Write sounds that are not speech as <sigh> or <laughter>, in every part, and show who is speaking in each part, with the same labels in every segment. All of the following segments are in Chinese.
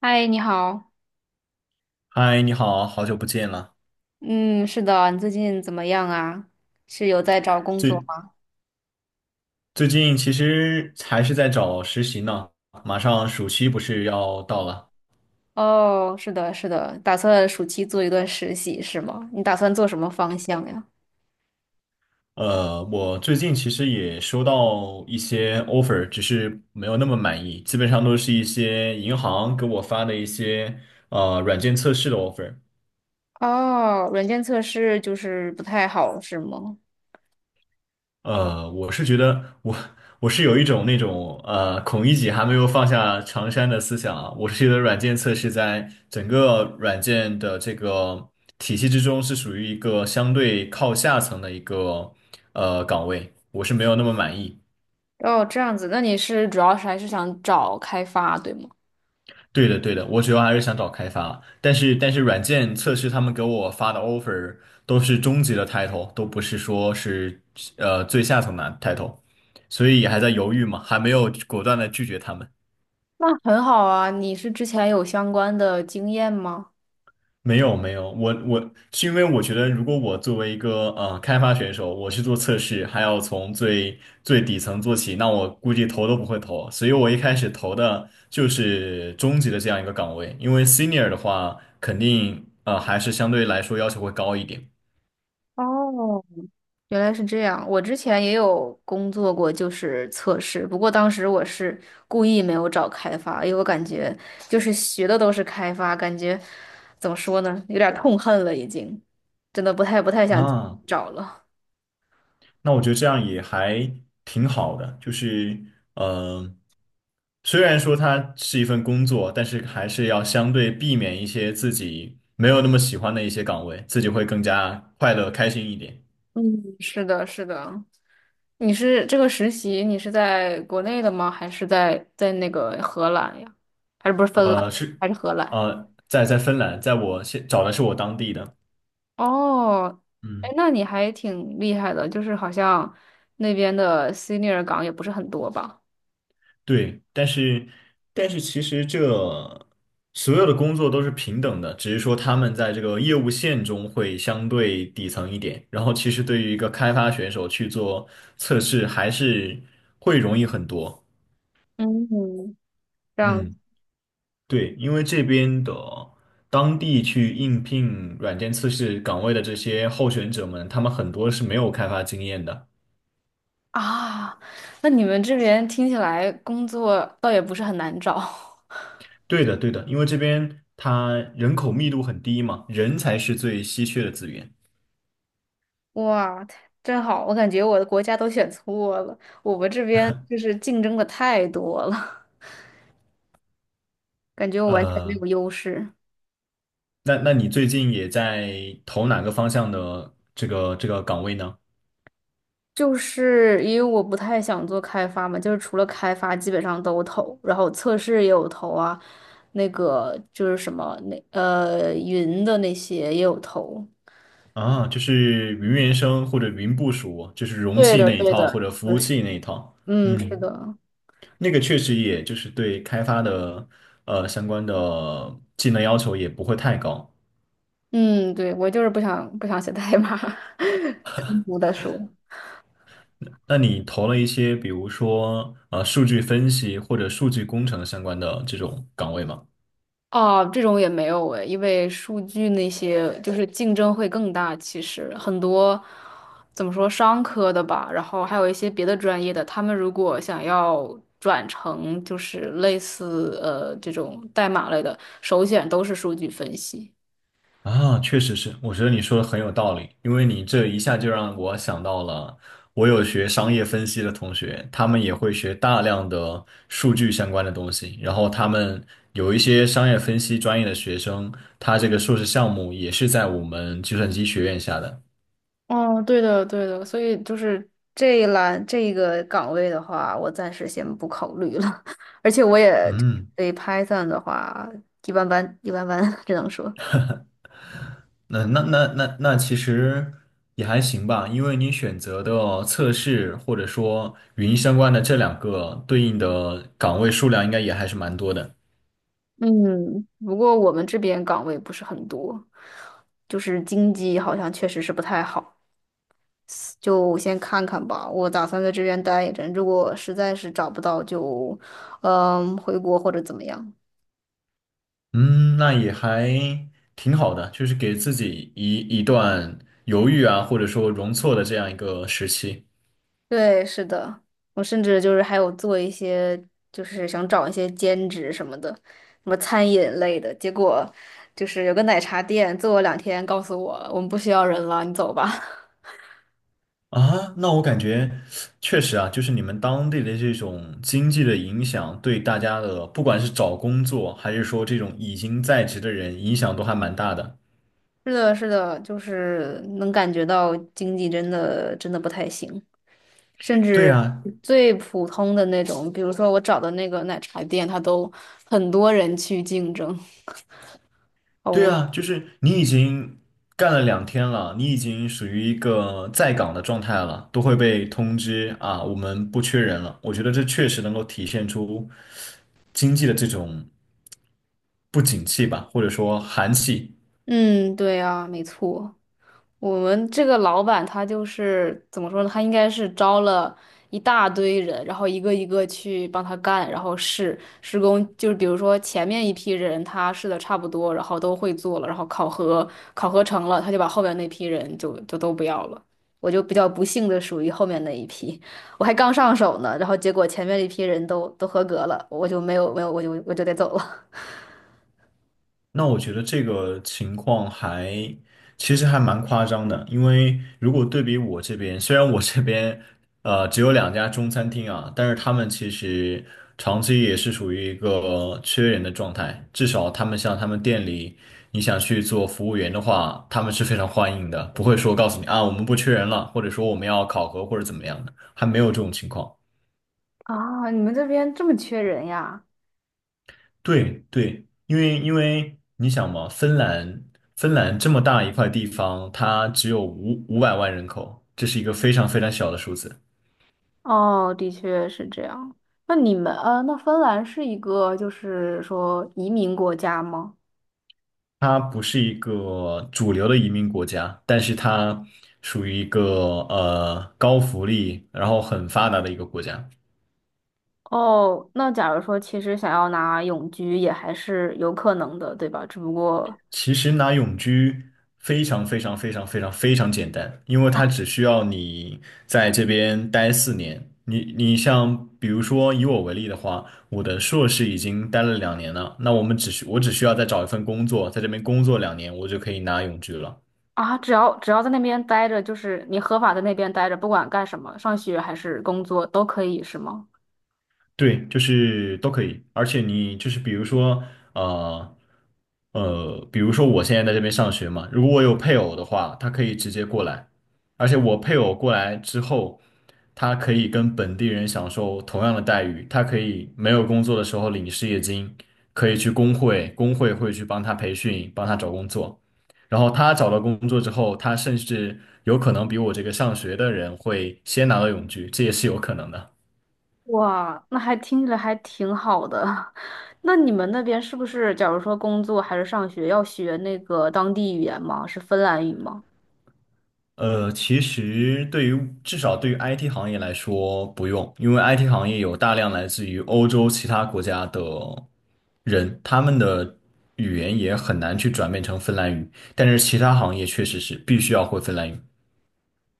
Speaker 1: 嗨，你好。
Speaker 2: 嗨，你好，好久不见了。
Speaker 1: 嗯，是的，你最近怎么样啊？是有在找工作
Speaker 2: 最
Speaker 1: 吗？
Speaker 2: 最近其实还是在找实习呢，马上暑期不是要到了。
Speaker 1: 哦，是的，是的，打算暑期做一段实习是吗？你打算做什么方向呀？
Speaker 2: 我最近其实也收到一些 offer，只是没有那么满意，基本上都是一些银行给我发的一些软件测试的 offer。
Speaker 1: 哦，软件测试就是不太好是吗？
Speaker 2: 我是觉得我我是有一种那种孔乙己还没有放下长衫的思想啊。我是觉得软件测试在整个软件的这个体系之中是属于一个相对靠下层的一个岗位，我是没有那么满意。
Speaker 1: 哦，这样子，那你是主要是还是想找开发，对吗？
Speaker 2: 对的，对的，我主要还是想找开发，但是软件测试他们给我发的 offer 都是中级的 title,都不是说是最下层的 title,所以还在犹豫嘛，还没有果断的拒绝他们。
Speaker 1: 那很好啊，你是之前有相关的经验吗？
Speaker 2: 没有没有，我是因为我觉得，如果我作为一个开发选手，我去做测试，还要从最底层做起，那我估计投都不会投，所以我一开始投的就是中级的这样一个岗位，因为 senior 的话，肯定还是相对来说要求会高一点。
Speaker 1: 哦，原来是这样，我之前也有工作过，就是测试。不过当时我是故意没有找开发，因为我感觉就是学的都是开发，感觉怎么说呢，有点儿痛恨了，已经，真的不太想
Speaker 2: 啊。
Speaker 1: 找了。
Speaker 2: 那我觉得这样也还挺好的，就是嗯，虽然说它是一份工作，但是还是要相对避免一些自己没有那么喜欢的一些岗位，自己会更加快乐开心一点。
Speaker 1: 嗯，是的，是的。你是这个实习，你是在国内的吗？还是在那个荷兰呀？还是不是芬兰？
Speaker 2: 呃，是
Speaker 1: 还是荷兰？
Speaker 2: 在在芬兰，在我现找的是我当地的。
Speaker 1: 哦，哎，
Speaker 2: 嗯。
Speaker 1: 那你还挺厉害的，就是好像那边的 senior 岗也不是很多吧？
Speaker 2: 对，但是其实这所有的工作都是平等的，只是说他们在这个业务线中会相对底层一点。然后其实对于一个开发选手去做测试，还是会容易很多。
Speaker 1: 嗯，这样
Speaker 2: 嗯，对，因为这边的当地去应聘软件测试岗位的这些候选者们，他们很多是没有开发经验的。
Speaker 1: 啊，那你们这边听起来工作倒也不是很难找。<laughs>
Speaker 2: 对的，对的，因为这边它人口密度很低嘛，人才是最稀缺的资源。
Speaker 1: 哇，太真好，我感觉我的国家都选错了，我们这边就是竞争的太多了，感觉我完全没
Speaker 2: 呃，
Speaker 1: 有优势。
Speaker 2: 那你最近也在投哪个方向的这个岗位呢？
Speaker 1: 就是因为我不太想做开发嘛，就是除了开发基本上都投，然后测试也有投啊，那个就是什么那云的那些也有投。
Speaker 2: 啊，就是云原生或者云部署，就是容
Speaker 1: 对
Speaker 2: 器
Speaker 1: 的，
Speaker 2: 那一
Speaker 1: 对
Speaker 2: 套
Speaker 1: 的，
Speaker 2: 或者服
Speaker 1: 就
Speaker 2: 务
Speaker 1: 是
Speaker 2: 器那一套。
Speaker 1: 嗯，是
Speaker 2: 嗯，
Speaker 1: 的，
Speaker 2: 那个确实也就是对开发的相关的技能要求也不会太高。
Speaker 1: 嗯，对，我就是不想写代码，<laughs> 通俗的说。
Speaker 2: 那你投了一些比如说数据分析或者数据工程相关的这种岗位吗？
Speaker 1: 哦，这种也没有诶，因为数据那些就是竞争会更大。其实很多怎么说商科的吧，然后还有一些别的专业的，他们如果想要转成就是类似这种代码类的，首选都是数据分析。
Speaker 2: 啊，确实是，我觉得你说的很有道理，因为你这一下就让我想到了，我有学商业分析的同学，他们也会学大量的数据相关的东西，然后他们有一些商业分析专业的学生，他这个硕士项目也是在我们计算机学院下的。
Speaker 1: 哦，对的，对的，所以就是这一栏这一个岗位的话，我暂时先不考虑了。<laughs> 而且我也
Speaker 2: 嗯，
Speaker 1: 对 Python 的话，一般般，一般般，只能说。
Speaker 2: 那其实也还行吧，因为你选择的测试或者说语音相关的这两个对应的岗位数量应该也还是蛮多的。
Speaker 1: 嗯，不过我们这边岗位不是很多，就是经济好像确实是不太好，就先看看吧。我打算在这边待一阵，如果实在是找不到就，嗯，回国或者怎么样。
Speaker 2: 嗯，那也还挺好的，就是给自己一段犹豫啊，或者说容错的这样一个时期
Speaker 1: 对，是的，我甚至就是还有做一些，就是想找一些兼职什么的，什么餐饮类的。结果就是有个奶茶店做了两天，告诉我们不需要人了，你走吧。
Speaker 2: 啊。那我感觉确实啊，就是你们当地的这种经济的影响，对大家的不管是找工作，还是说这种已经在职的人，影响都还蛮大的。
Speaker 1: 是的，是的，就是能感觉到经济真的不太行，甚
Speaker 2: 对
Speaker 1: 至
Speaker 2: 啊，
Speaker 1: 最普通的那种，比如说我找的那个奶茶店，它都很多人去竞争。
Speaker 2: 对
Speaker 1: 哦，
Speaker 2: 啊，就是你已经干了两天了，你已经属于一个在岗的状态了，都会被通知啊，我们不缺人了。我觉得这确实能够体现出。经济的这种不景气吧，或者说寒气。
Speaker 1: 嗯，对啊，没错。我们这个老板他就是怎么说呢？他应该是招了一大堆人，然后一个一个去帮他干，然后试施工。就是比如说前面一批人他试的差不多，然后都会做了，然后考核成了，他就把后面那批人就都不要了。我就比较不幸的属于后面那一批，我还刚上手呢，然后结果前面一批人都合格了，我就没有，我就得走了。<laughs>
Speaker 2: 那我觉得这个情况还其实还蛮夸张的，因为如果对比我这边，虽然我这边只有两家中餐厅啊，但是他们其实长期也是属于一个缺人的状态，至少他们像他们店里，你想去做服务员的话，他们是非常欢迎的，不会说告诉你啊我们不缺人了，或者说我们要考核或者怎么样的，还没有这种情况。
Speaker 1: 啊，你们这边这么缺人呀？
Speaker 2: 对对，因为你想嘛，芬兰这么大一块地方，它只有五百万人口，这是一个非常非常小的数字。
Speaker 1: 哦，的确是这样。那你们，那芬兰是一个就是说移民国家吗？
Speaker 2: 它不是一个主流的移民国家，但是它属于一个高福利，然后很发达的一个国家。
Speaker 1: 哦，那假如说其实想要拿永居也还是有可能的，对吧？只不过
Speaker 2: 其实拿永居非常非常非常非常非常简单，因为它只需要你在这边待四年。你像比如说以我为例的话，我的硕士已经待了两年了，那我只需要再找一份工作，在这边工作两年，我就可以拿永居了。
Speaker 1: 啊，只要在那边待着，就是你合法在那边待着，不管干什么，上学还是工作都可以，是吗？
Speaker 2: 对，就是都可以，而且你就是比如说，呃，比如说我现在在这边上学嘛，如果我有配偶的话，他可以直接过来，而且我配偶过来之后，他可以跟本地人享受同样的待遇，他可以没有工作的时候领失业金，可以去工会，工会会去帮他培训，帮他找工作，然后他找到工作之后，他甚至有可能比我这个上学的人会先拿到永居，这也是有可能的。
Speaker 1: 哇，那还听着还挺好的。<laughs> 那你们那边是不是，假如说工作还是上学，要学那个当地语言吗？是芬兰语吗？
Speaker 2: 其实对于至少对于 IT 行业来说不用，因为 IT 行业有大量来自于欧洲其他国家的人，他们的语言也很难去转变成芬兰语，但是其他行业确实是必须要会芬兰语。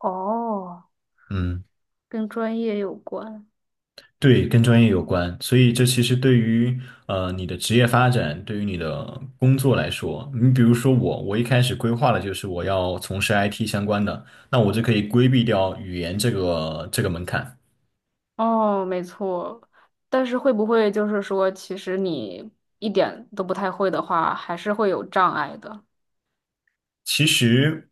Speaker 1: 哦。
Speaker 2: 嗯，
Speaker 1: 跟专业有关。
Speaker 2: 对，跟专业有关，所以这其实对于你的职业发展，对于你的工作来说，你比如说我，我一开始规划的就是我要从事 IT 相关的，那我就可以规避掉语言这个门槛。
Speaker 1: 哦，没错。但是会不会就是说，其实你一点都不太会的话，还是会有障碍的？
Speaker 2: 其实，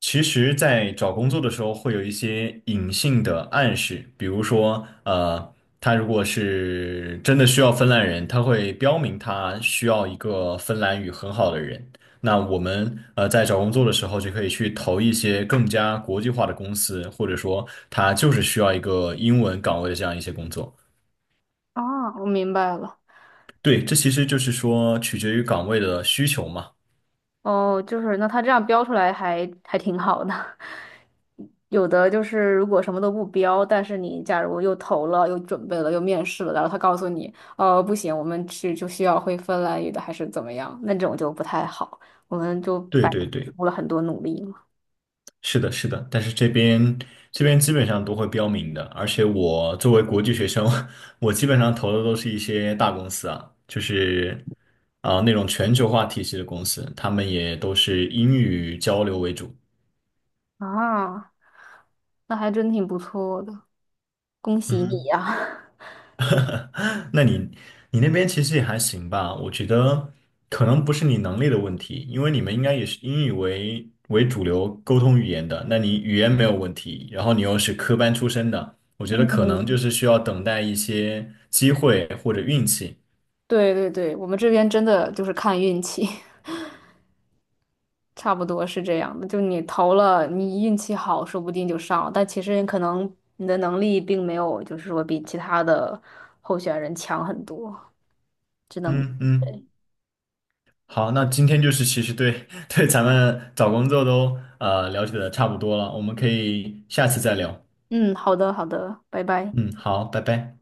Speaker 2: 其实,在找工作的时候会有一些隐性的暗示，比如说，他如果是真的需要芬兰人，他会标明他需要一个芬兰语很好的人。那我们在找工作的时候就可以去投一些更加国际化的公司，或者说他就是需要一个英文岗位的这样一些工作。
Speaker 1: 啊，我明白了。
Speaker 2: 对，这其实就是说取决于岗位的需求嘛。
Speaker 1: 哦，就是那他这样标出来还挺好的。<laughs> 有的就是如果什么都不标，但是你假如又投了、又准备了、又面试了，然后他告诉你，哦，不行，我们去就需要会芬兰语的，还是怎么样？那种就不太好，我们就
Speaker 2: 对
Speaker 1: 白
Speaker 2: 对
Speaker 1: 付
Speaker 2: 对。
Speaker 1: 出了很多努力嘛。
Speaker 2: 是的，是的，但是这边基本上都会标明的，而且我作为国际学生，<laughs> 我基本上投的都是一些大公司啊，就是啊、那种全球化体系的公司，他们也都是英语交流为主。
Speaker 1: 啊，那还真挺不错的。恭喜你
Speaker 2: 嗯。
Speaker 1: 呀、<laughs>
Speaker 2: <laughs> 那你那边其实也还行吧，我觉得可能不是你能力的问题，因为你们应该也是英语为主流沟通语言的，那你语言没有问题，然后你又是科班出身的，我觉得可能就是需要等待一些机会或者运气。
Speaker 1: 对对对，我们这边真的就是看运气，<laughs> 差不多是这样的。就你投了，你运气好，说不定就上了。但其实可能你的能力并没有，就是说比其他的候选人强很多。只能，
Speaker 2: 嗯嗯，好，那今天就是其实对 <laughs> 对咱们找工作都了解的差不多了，我们可以下次再聊。
Speaker 1: 嗯，好的，好的，拜拜。
Speaker 2: 嗯，好，拜拜。